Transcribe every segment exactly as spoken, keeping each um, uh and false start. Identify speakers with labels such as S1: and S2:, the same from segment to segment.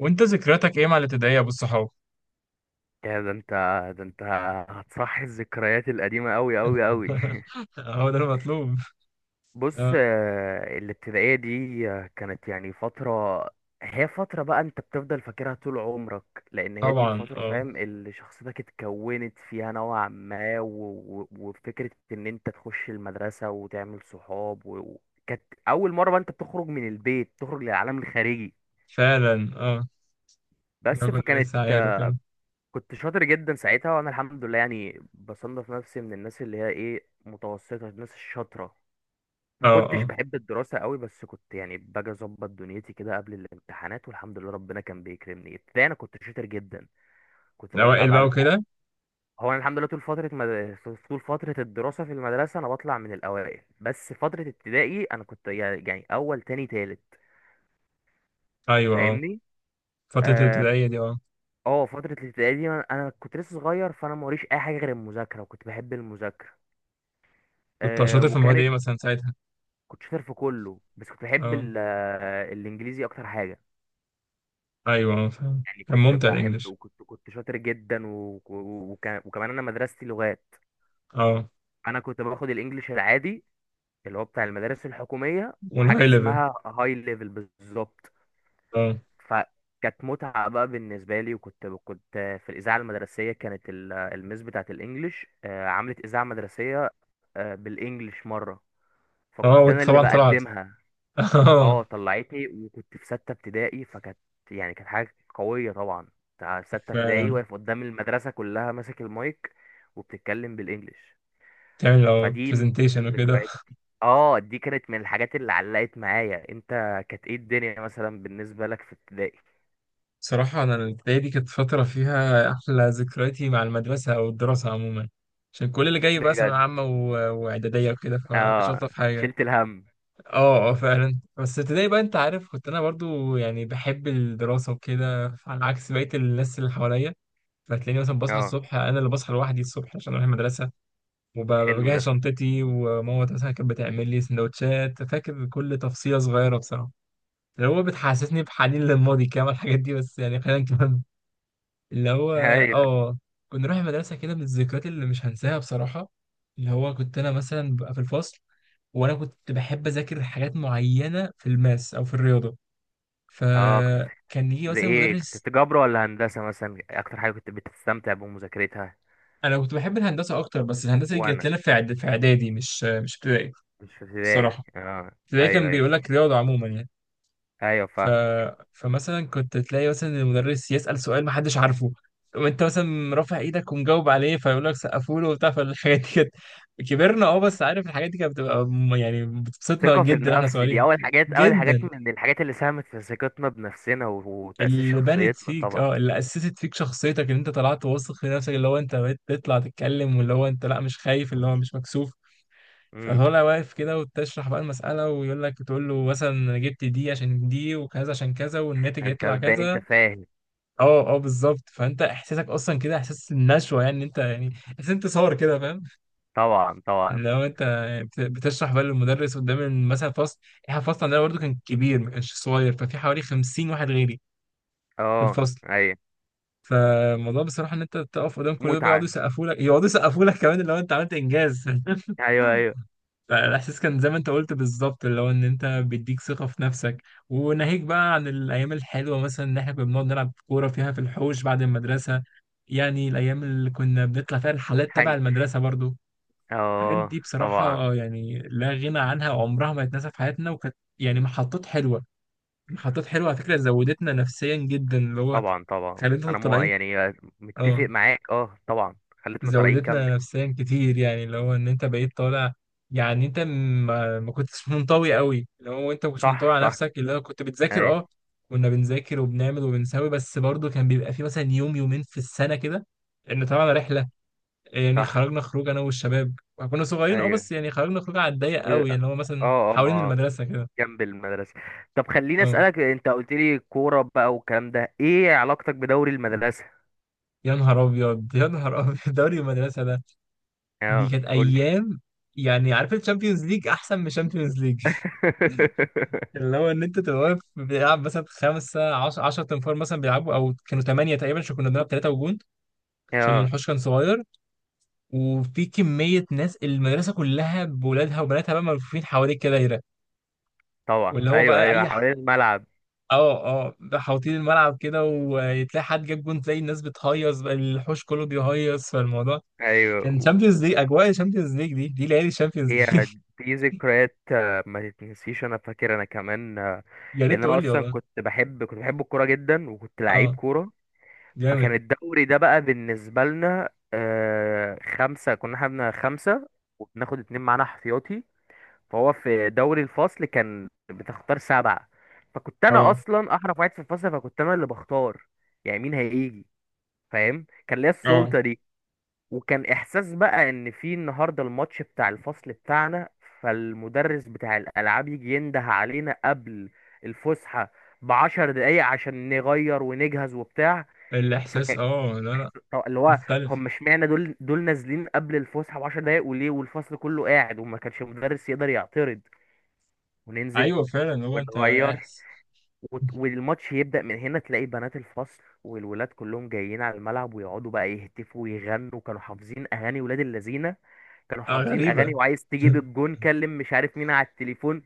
S1: وانت ذكرياتك ايه مع الابتدائية ابو الصحاب؟
S2: يا ده انت ده انت هتصحي الذكريات القديمة أوي أوي أوي.
S1: هو ده المطلوب.
S2: بص،
S1: اه،
S2: آه، الابتدائية دي آه، كانت يعني فترة. هي فترة بقى انت بتفضل فاكرها طول عمرك. لأن هي دي
S1: طبعا
S2: الفترة،
S1: اه.
S2: فاهم، اللي شخصيتك اتكونت فيها نوعا ما و... و... وفكرة إن انت تخش المدرسة وتعمل صحاب و... و- كانت أول مرة بقى انت بتخرج من البيت، تخرج للعالم الخارجي.
S1: فعلا اه، لو
S2: بس
S1: كنا
S2: فكانت
S1: لسه عيال وكده.
S2: كنت شاطر جدا ساعتها، وانا الحمد لله يعني بصنف نفسي من الناس اللي هي ايه، متوسطه، الناس الشاطره.
S1: اه
S2: ما كنتش
S1: اه،
S2: بحب الدراسه قوي، بس كنت يعني باجي اظبط دنيتي كده قبل الامتحانات، والحمد لله ربنا كان بيكرمني. ابتدائي انا كنت شاطر جدا. كنت بطلع
S1: الاوائل
S2: بقى
S1: بقى
S2: ال-
S1: وكده.
S2: هو انا الحمد لله طول فتره مد... في- طول فتره الدراسه في المدرسه انا بطلع من الاوائل، بس فتره ابتدائي انا كنت يع- يعني اول تاني تالت.
S1: ايوه اه،
S2: فاهمني؟
S1: فترة
S2: اه.
S1: الابتدائية دي اه.
S2: آه، فترة الابتدائي دي انا أنا كنت لسه صغير، فانا موريش اي حاجة غير المذاكرة، وكنت بحب المذاكرة.
S1: كنت
S2: آه
S1: شاطر في المواد
S2: وكانت
S1: ايه مثلا ساعتها؟
S2: كنت شاطر في كله، بس كنت بحب
S1: اه،
S2: ال- آه، الانجليزي اكتر حاجه.
S1: ايوه اه، فعلا
S2: يعني
S1: كان
S2: كنت
S1: ممتع
S2: بحب،
S1: الانجليش.
S2: وكنت كنت شاطر جدا و- و- وك- وكمان انا مدرستي لغات.
S1: اه
S2: انا كنت باخد الانجليش العادي اللي هو بتاع المدارس الحكوميه، وحاجه
S1: والهاي ليفل.
S2: اسمها هاي ليفل بالظبط.
S1: اه
S2: فكانت متعه بقى بالنسبه لي. وكنت كنت في الاذاعه المدرسيه، كانت ال- الميس بتاعه الانجليش آه، عملت اذاعه مدرسيه آه، بالانجليش مره،
S1: اه،
S2: فكنت انا
S1: وانت
S2: اللي
S1: طبعا طلعت.
S2: بقدمها.
S1: اه،
S2: اه، طلعتني. وكنت في ستة ابتدائي فكانت يعني كانت حاجة قوية طبعا. بتاع ستة ابتدائي
S1: فعلا
S2: واقف قدام المدرسة كلها، ماسك المايك وبتتكلم بالانجلش.
S1: تعمل لو
S2: فدي من ضمن
S1: برزنتيشن وكده.
S2: الذكريات. اه، دي كانت من الحاجات اللي علقت معايا. انت، كانت ايه الدنيا مثلا بالنسبة لك في ابتدائي؟
S1: صراحة أنا الابتدائي دي كانت فترة فيها أحلى ذكرياتي مع المدرسة أو الدراسة عموما، عشان كل اللي جاي بقى ثانوية
S2: بجد؟
S1: عامة و- وإعدادية وكده فمكانش
S2: اه،
S1: ألطف حاجة.
S2: شلت الهم.
S1: أه أه، فعلا بس ابتدائي بقى أنت عارف، كنت أنا برضو يعني بحب الدراسة وكده على عكس بقية الناس اللي حواليا. فتلاقيني مثلا بصحى
S2: اه،
S1: الصبح، أنا اللي بصحى لوحدي الصبح عشان أروح المدرسة
S2: حلو
S1: وبجهز
S2: ده.
S1: شنطتي، وماما مثلا كانت بتعمل لي سندوتشات. فاكر كل تفصيلة صغيرة بصراحة، اللي هو بتحسسني بحنين للماضي كده الحاجات دي، بس يعني خلينا نكمل. اللي هو
S2: ايوه.
S1: اه، كنا نروح المدرسة كده من الذكريات اللي مش هنساها بصراحة. اللي هو كنت أنا مثلا ببقى في الفصل، وأنا كنت بحب أذاكر حاجات معينة في الماس أو في الرياضة،
S2: اه، كنت بتح-
S1: فكان يجي
S2: زي
S1: مثلا
S2: ايه،
S1: مدرس.
S2: كنت جبر ولا هندسة مثلا اكتر حاجة كنت بتستمتع بمذاكرتها؟
S1: أنا كنت بحب الهندسة أكتر، بس الهندسة دي جت
S2: وانا
S1: لنا في إعد- في إعدادي مش مش ابتدائي.
S2: مش في ابتدائي،
S1: الصراحة
S2: اه.
S1: ابتدائي
S2: ايوه،
S1: كان
S2: ايوه،
S1: بيقول لك رياضة عموما يعني.
S2: ايوه،
S1: ف...
S2: فاهم.
S1: فمثلا كنت تلاقي مثلا المدرس يسأل سؤال محدش عارفه، وانت مثلا رافع ايدك ومجاوب عليه، فيقول لك سقفوا له وبتاع. فالحاجات دي كانت، كبرنا اه، بس عارف الحاجات دي كانت بتبقى م- يعني بتبسطنا
S2: ثقة في
S1: جدا احنا
S2: النفس دي
S1: صغيرين.
S2: أول حاجات أول حاجات
S1: جدا،
S2: من الحاجات اللي ساهمت في ثقتنا بنفسنا و- وتأسيس
S1: اللي بنت
S2: شخصيتنا
S1: فيك
S2: طبعا.
S1: اه، اللي اسست فيك شخصيتك ان انت طلعت واثق في نفسك، اللي هو انت بقيت تطلع تتكلم، واللي هو انت لا مش خايف، اللي هو مش مكسوف.
S2: امم
S1: فطالع واقف كده وتشرح بقى المسألة، ويقول لك تقول له مثلا انا جبت دي عشان دي وكذا عشان كذا، والناتج
S2: أنت
S1: يطلع
S2: باين أنت
S1: كذا.
S2: فاهم.
S1: اه اه، بالظبط. فانت احساسك اصلا كده احساس النشوه، يعني انت يعني احساس انتصار كده، فاهم؟
S2: طبعا، طبعا.
S1: لو انت يعني بت- بتشرح بقى للمدرس قدام ال- مثلا فصل. احنا الفصل عندنا برضه كان كبير، ما كانش صغير، ففي حوالي خمسين واحد غيري في
S2: اه،
S1: الفصل.
S2: أيوه.
S1: فالموضوع بصراحه ان انت تقف قدام كل ده بقى، يقعدوا
S2: متعة.
S1: يسقفوا لك، يقعدوا يسقفوا لك كمان لو انت عملت انجاز.
S2: أيوه، أيوه.
S1: فالاحساس كان زي ما انت قلت بالظبط، اللي هو ان انت بيديك ثقه في نفسك. وناهيك بقى عن الايام الحلوه، مثلا ان احنا كنا بنقعد نلعب كوره فيها في الحوش بعد المدرسه. يعني الايام اللي كنا بنطلع فيها الحالات تبع
S2: حن،
S1: المدرسه برضو، الحاجات
S2: اه.
S1: دي
S2: طبعا،
S1: بصراحه يعني لا غنى عنها، عمرها ما هتتنسى في حياتنا، وكانت يعني محطات حلوه. محطات حلوه على فكره، زودتنا نفسيا جدا. اللي هو
S2: طبعا، طبعا.
S1: خلينا
S2: أنا مو
S1: طالعين،
S2: يعني متفق
S1: اه،
S2: معاك، اه طبعا. خلتنا طالعين،
S1: زودتنا
S2: كمل.
S1: نفسيا كتير، يعني اللي هو ان انت بقيت طالع. يعني انت ما, ما كنتش منطوي قوي، اللي هو انت ما كنتش منطوي
S2: صح،
S1: على
S2: صح.
S1: نفسك، اللي هو كنت بتذاكر
S2: أيوه،
S1: اه، كنا بنذاكر وبنعمل وبنسوي. بس برضه كان بيبقى في مثلا يوم يومين في السنة كده، ان طبعا رحلة، يعني
S2: صح،
S1: خرجنا خروج انا والشباب. كنا صغيرين اه،
S2: أيوه.
S1: بس يعني خرجنا خروج على الضيق
S2: ب... اه
S1: قوي، يعني اللي هو مثلا
S2: اه
S1: حوالين
S2: آه.
S1: المدرسة كده.
S2: جنب المدرسة. طب خليني
S1: اه،
S2: أسألك، أنت قلت لي كورة بقى والكلام ده، إيه علاقتك بدوري المدرسة؟
S1: يا نهار ابيض. يا نهار ابيض، دوري المدرسة ده دي
S2: أه،
S1: كانت
S2: قول لي.
S1: ايام. يعني عارف الشامبيونز ليج؟ احسن من الشامبيونز ليج. اللي هو ان انت تبقى واقف بيلعب مثلا خمسه عشرة عشرة تنفار مثلا بيلعبوا، او كانوا ثمانيه تقريبا عشان كنا بنلعب ثلاثه وجون، عشان
S2: أه،
S1: الحوش كان صغير. وفي كميه ناس المدرسه كلها بولادها وبناتها بقى، ملفوفين حواليك كده دايره.
S2: طبعا.
S1: واللي هو
S2: أيوه،
S1: بقى
S2: أيوه،
S1: اي ح-
S2: حوالين الملعب.
S1: اه اه، بقى حاوطين الملعب كده، وتلاقي حد جاب جون تلاقي الناس بتهيص بقى، الحوش كله بيهيص. فالموضوع
S2: أيوه.
S1: كان
S2: و-
S1: شامبيونز ليج، اجواء شامبيونز ليج، دي دي ليالي شامبيونز ليج.
S2: هي دي ذكريات آه، ما تتنسيش. أنا فاكر، أنا كمان آه،
S1: يا ريت
S2: لأن أنا
S1: تقول لي
S2: أصلا
S1: والله.
S2: كنت بحب كنت بحب الكورة جدا، وكنت لعيب
S1: اه
S2: كورة. فكان
S1: جامد.
S2: الدوري ده بقى بالنسبة لنا آه، خمسة، كنا احنا بن- خمسة، وبناخد اتنين معانا احتياطي. فهو في دوري الفصل كان بتختار سبعة، فكنت انا
S1: اه
S2: اصلا احرف واحد في الفصل، فكنت انا اللي بختار يعني مين هيجي. فاهم، كان ليا
S1: اه،
S2: السلطة دي. وكان احساس بقى ان في النهارده الماتش بتاع الفصل بتاعنا، فالمدرس بتاع الالعاب يجي ينده علينا قبل الفسحة بعشر دقايق عشان نغير ونجهز وبتاع.
S1: الاحساس
S2: فكان
S1: اه، لا لا
S2: طب اللي هو
S1: مختلف.
S2: هم، اشمعنى دول دول نازلين قبل الفسحة بعشر دقايق وليه، والفصل كله قاعد وما كانش المدرس يقدر يعترض. وننزل
S1: ايوه فعلا، هو انت
S2: ونغير
S1: احس.
S2: وت- والماتش يبدأ من هنا، تلاقي بنات الفصل والولاد كلهم جايين على الملعب ويقعدوا بقى يهتفوا ويغنوا. كانوا حافظين أغاني ولاد اللذينة، كانوا
S1: اه
S2: حافظين
S1: غريبة.
S2: أغاني، وعايز تجيب الجون كلم مش عارف مين على التليفون.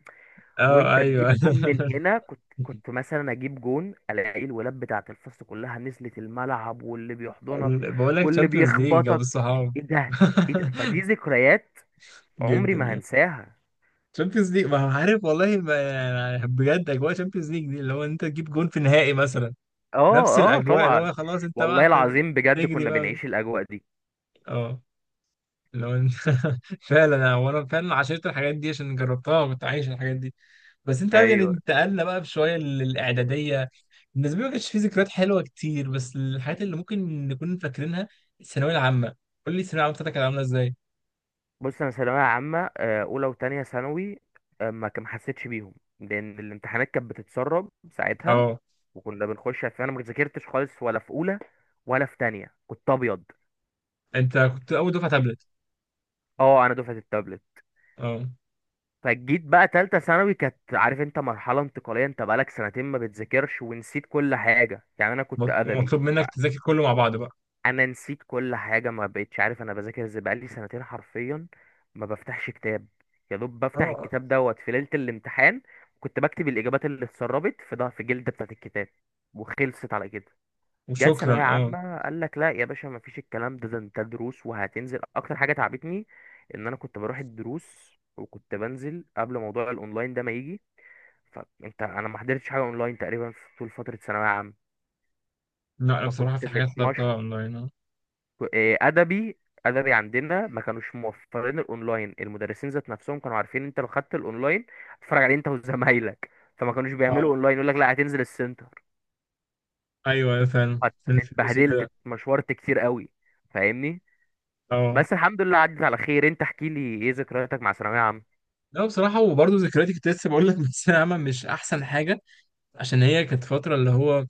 S1: اه
S2: وأنت تجيب
S1: ايوه.
S2: جون من هنا، كنت كنت مثلا أجيب جون ألاقي الولاد بتاعة الفصل كلها نزلت الملعب، واللي بيحضنك
S1: بقول لك
S2: واللي
S1: تشامبيونز ليج جاب
S2: بيخبطك،
S1: الصحاب.
S2: إيه ده، إيه ده. فدي ذكريات عمري ما
S1: جدا.
S2: هنساها.
S1: تشامبيونز ليج، ما عارف والله ما يعني بجد، اجواء تشامبيونز ليج دي اللي هو انت تجيب جون في النهائي مثلا. نفس
S2: آه، آه،
S1: الاجواء، اللي
S2: طبعا.
S1: هو خلاص انت بقى
S2: والله
S1: ت-
S2: العظيم بجد
S1: تجري
S2: كنا
S1: بقى.
S2: بنعيش الأجواء دي.
S1: اه، اللي هو انت فعلا انا، وانا فعلا عشرت الحاجات دي عشان جربتها وكنت عايش الحاجات دي. بس انت فاهم يعني
S2: ايوه.
S1: انتقلنا بقى بشويه للاعداديه. بالنسبه لي ما كانش في ذكريات حلوه كتير، بس الحاجات اللي ممكن نكون فاكرينها الثانويه العامه. قول لي الثانويه العامه بتاعتك كانت عامله ازاي؟
S2: بص، انا ثانويه عامه آه، اولى وتانية ثانوي آه، ما كان ما حسيتش بيهم، لان الامتحانات كانت بتتسرب ساعتها
S1: اه،
S2: وكنا بنخش، فانا ما ذاكرتش خالص ولا في اولى ولا في تانية، كنت ابيض.
S1: انت كنت اول دفعه تابلت.
S2: اه، انا دفعه التابلت.
S1: اه،
S2: فجيت بقى تالتة ثانوي، كانت عارف انت مرحله انتقاليه، انت بقالك سنتين ما بتذاكرش ونسيت كل حاجه. يعني انا كنت
S1: مط-
S2: ادبي.
S1: ومطلوب منك تذاكر كله مع بعض بقى.
S2: انا نسيت كل حاجه، ما بقتش عارف انا بذاكر ازاي، بقالي سنتين حرفيا ما بفتحش كتاب. يا دوب بفتح
S1: اه
S2: الكتاب دوت في ليله الامتحان. كنت بكتب الاجابات اللي اتسربت في ده، في الجلده بتاعه الكتاب، وخلصت على كده. جت
S1: وشكرا
S2: ثانويه
S1: اه.
S2: عامه، قال لك لا يا باشا، ما فيش الكلام ده، ده انت دروس وهتنزل. اكتر حاجه تعبتني ان انا كنت بروح الدروس وكنت بنزل قبل موضوع الاونلاين ده ما يجي. فانت، انا ما حضرتش حاجه اونلاين تقريبا في طول فتره ثانويه عامه،
S1: لا، انا بصراحه
S2: فكنت
S1: في حاجات طلبتها
S2: متمشوح.
S1: اونلاين اه.
S2: إيه، ادبي. ادبي عندنا ما كانوش موفرين الاونلاين، المدرسين ذات نفسهم كانوا عارفين انت لو خدت الاونلاين هتتفرج عليه انت وزمايلك، فما كانوش بيعملوا
S1: اه
S2: اونلاين، يقول لك لا هتنزل السنتر.
S1: ايوه، أيوة فعلا،
S2: هت-
S1: عشان الفلوس
S2: اتبهدلت،
S1: وكده.
S2: اتمشورت كتير قوي، فاهمني.
S1: اه،
S2: بس الحمد لله عدت على خير. انت احكي لي ايه ذكرياتك مع ثانويه عامه.
S1: لا بصراحة وبرضه ذكرياتي، كنت لسه بقول لك، من الثانوية العامة مش أحسن حاجة. عشان هي كانت فترة اللي هو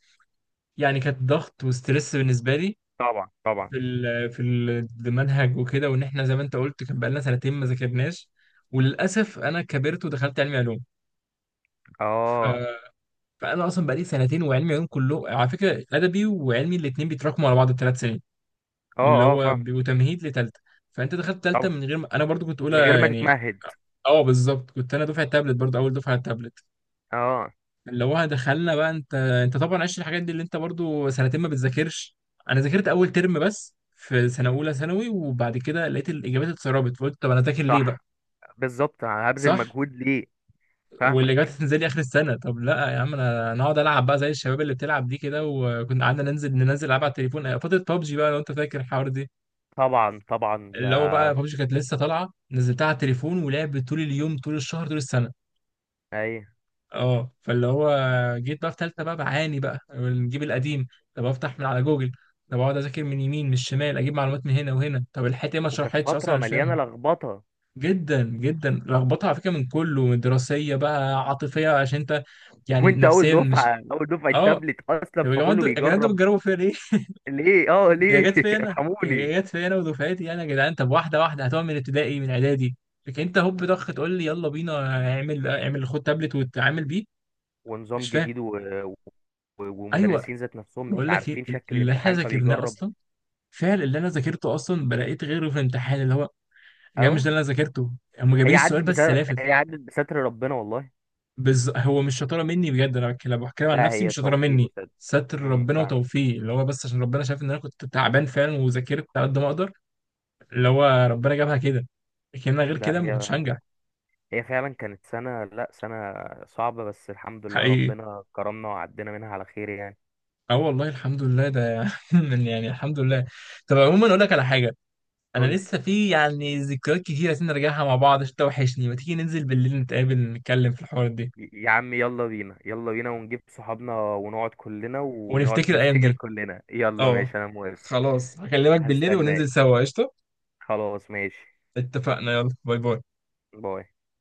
S1: يعني كانت ضغط وستريس بالنسبة لي
S2: طبعا، طبعا.
S1: في ال في ال- المنهج وكده، وان احنا زي ما انت قلت كان بقالنا سنتين ما ذاكرناش. وللاسف انا كبرت ودخلت علمي علوم. ف...
S2: اه،
S1: فانا اصلا بقالي سنتين، وعلمي علوم كله على فكره ادبي وعلمي الاثنين بيتراكموا على بعض الثلاث سنين،
S2: اه،
S1: اللي
S2: اه،
S1: هو
S2: فاهم.
S1: بيبقوا تمهيد لثالثه. فانت دخلت ثالثه
S2: طبعا،
S1: من غير ما... انا برضو كنت
S2: من غير
S1: اولى
S2: ما
S1: يعني.
S2: تتمهد.
S1: اه بالظبط، كنت انا دفعه تابلت برضو، اول دفعه تابلت.
S2: اه.
S1: اللي هو دخلنا بقى، انت انت طبعا عشت الحاجات دي اللي انت برضو سنتين ما بتذاكرش. انا ذاكرت اول ترم بس في سنه اولى ثانوي، وبعد كده لقيت الاجابات اتسربت، فقلت طب انا ذاكر ليه بقى.
S2: صح، بالظبط هبذل
S1: صح،
S2: مجهود ليه.
S1: والاجابات
S2: فاهمك.
S1: هتنزل لي اخر السنه. طب لا يا عم، انا انا اقعد العب بقى زي الشباب اللي بتلعب دي كده. وكنا قعدنا ننزل، ننزل العب على التليفون آه، فتره بابجي بقى لو انت فاكر الحوار دي.
S2: طبعا، طبعا ده.
S1: اللي هو بقى بابجي كانت لسه طالعه، نزلتها على التليفون ولعبت طول اليوم طول الشهر طول السنه.
S2: ايوه،
S1: اه، فاللي هو جيت بقى في ثالثه بقى بعاني، بقى نجيب القديم. طب افتح من على جوجل، طب اقعد اذاكر من يمين من الشمال، اجيب معلومات من هنا وهنا، طب الحته ما
S2: وكانت
S1: اتشرحتش اصلا
S2: فتره
S1: انا مش
S2: مليانه
S1: فاهمها.
S2: لخبطه.
S1: جدا جدا لخبطه على فكره، من كله، من دراسيه بقى عاطفيه، عشان انت يعني
S2: وانت اول
S1: نفسيا مش
S2: دفعه اول دفعه
S1: اه.
S2: تابلت اصلا،
S1: طب يا جماعه
S2: فكله
S1: انتوا، يا جدعان انتوا
S2: بيجرب.
S1: بتجربوا فيا ليه؟
S2: ليه؟ اه،
S1: يا
S2: ليه؟
S1: جت فيا انا،
S2: ارحموني.
S1: يا جت فيا انا ودفعتي، يعني يا جدعان، طب واحده واحده هتقعد من ابتدائي من اعدادي، لكن انت هوب ضخ تقول لي يلا بينا، اعمل اعمل خد تابلت وتعامل بيه.
S2: ونظام
S1: مش فاهم.
S2: جديد و... و...
S1: ايوه،
S2: ومدرسين ذات نفسهم مش
S1: بقول لك ايه،
S2: عارفين شكل
S1: اللي احنا
S2: الامتحان
S1: ذاكرناه
S2: فبيجرب.
S1: اصلا، فعل اللي انا ذاكرته اصلا بلاقيت غيره في الامتحان، اللي هو يا جماعه
S2: اهو،
S1: مش ده اللي انا ذاكرته، هم جايبين
S2: هي
S1: السؤال
S2: عدت
S1: بس
S2: بستر،
S1: لافف.
S2: هي عدت بستر ربنا والله.
S1: بز... هو مش شطاره مني بجد، انا بتكلم بحكي عن
S2: لا،
S1: نفسي،
S2: هي
S1: مش شطاره
S2: توفيق
S1: مني.
S2: وسد.
S1: ستر
S2: امم
S1: ربنا
S2: فاهمك.
S1: وتوفيق، اللي هو بس عشان ربنا شايف ان انا كنت تعبان فعلا، وذاكرت على قد ما اقدر. اللي هو ربنا جابها كده، لكن انا غير
S2: ده
S1: كده ما كنتش
S2: هي
S1: هنجح.
S2: هي فعلا كانت سنه، لا، سنه صعبه، بس الحمد لله
S1: حقيقي،
S2: ربنا كرمنا وعدينا منها على خير يعني.
S1: اه والله الحمد لله ده. يعني الحمد لله. طب عموما اقول لك على حاجه، انا
S2: قول.
S1: لسه في يعني ذكريات كتير عايزين نرجعها مع بعض عشان توحشني. ما تيجي ننزل بالليل نتقابل نتكلم في الحوارات دي،
S2: يا عم يلا بينا، يلا بينا، ونجيب صحابنا ونقعد كلنا، ونقعد
S1: ونفتكر الايام
S2: نفتكر
S1: دي.
S2: كلنا. يلا
S1: اه،
S2: ماشي، انا موافق.
S1: خلاص هكلمك بالليل وننزل
S2: هستناك.
S1: سوا قشطه.
S2: خلاص، ماشي.
S1: اتفقنا، يلا باي باي.
S2: باي.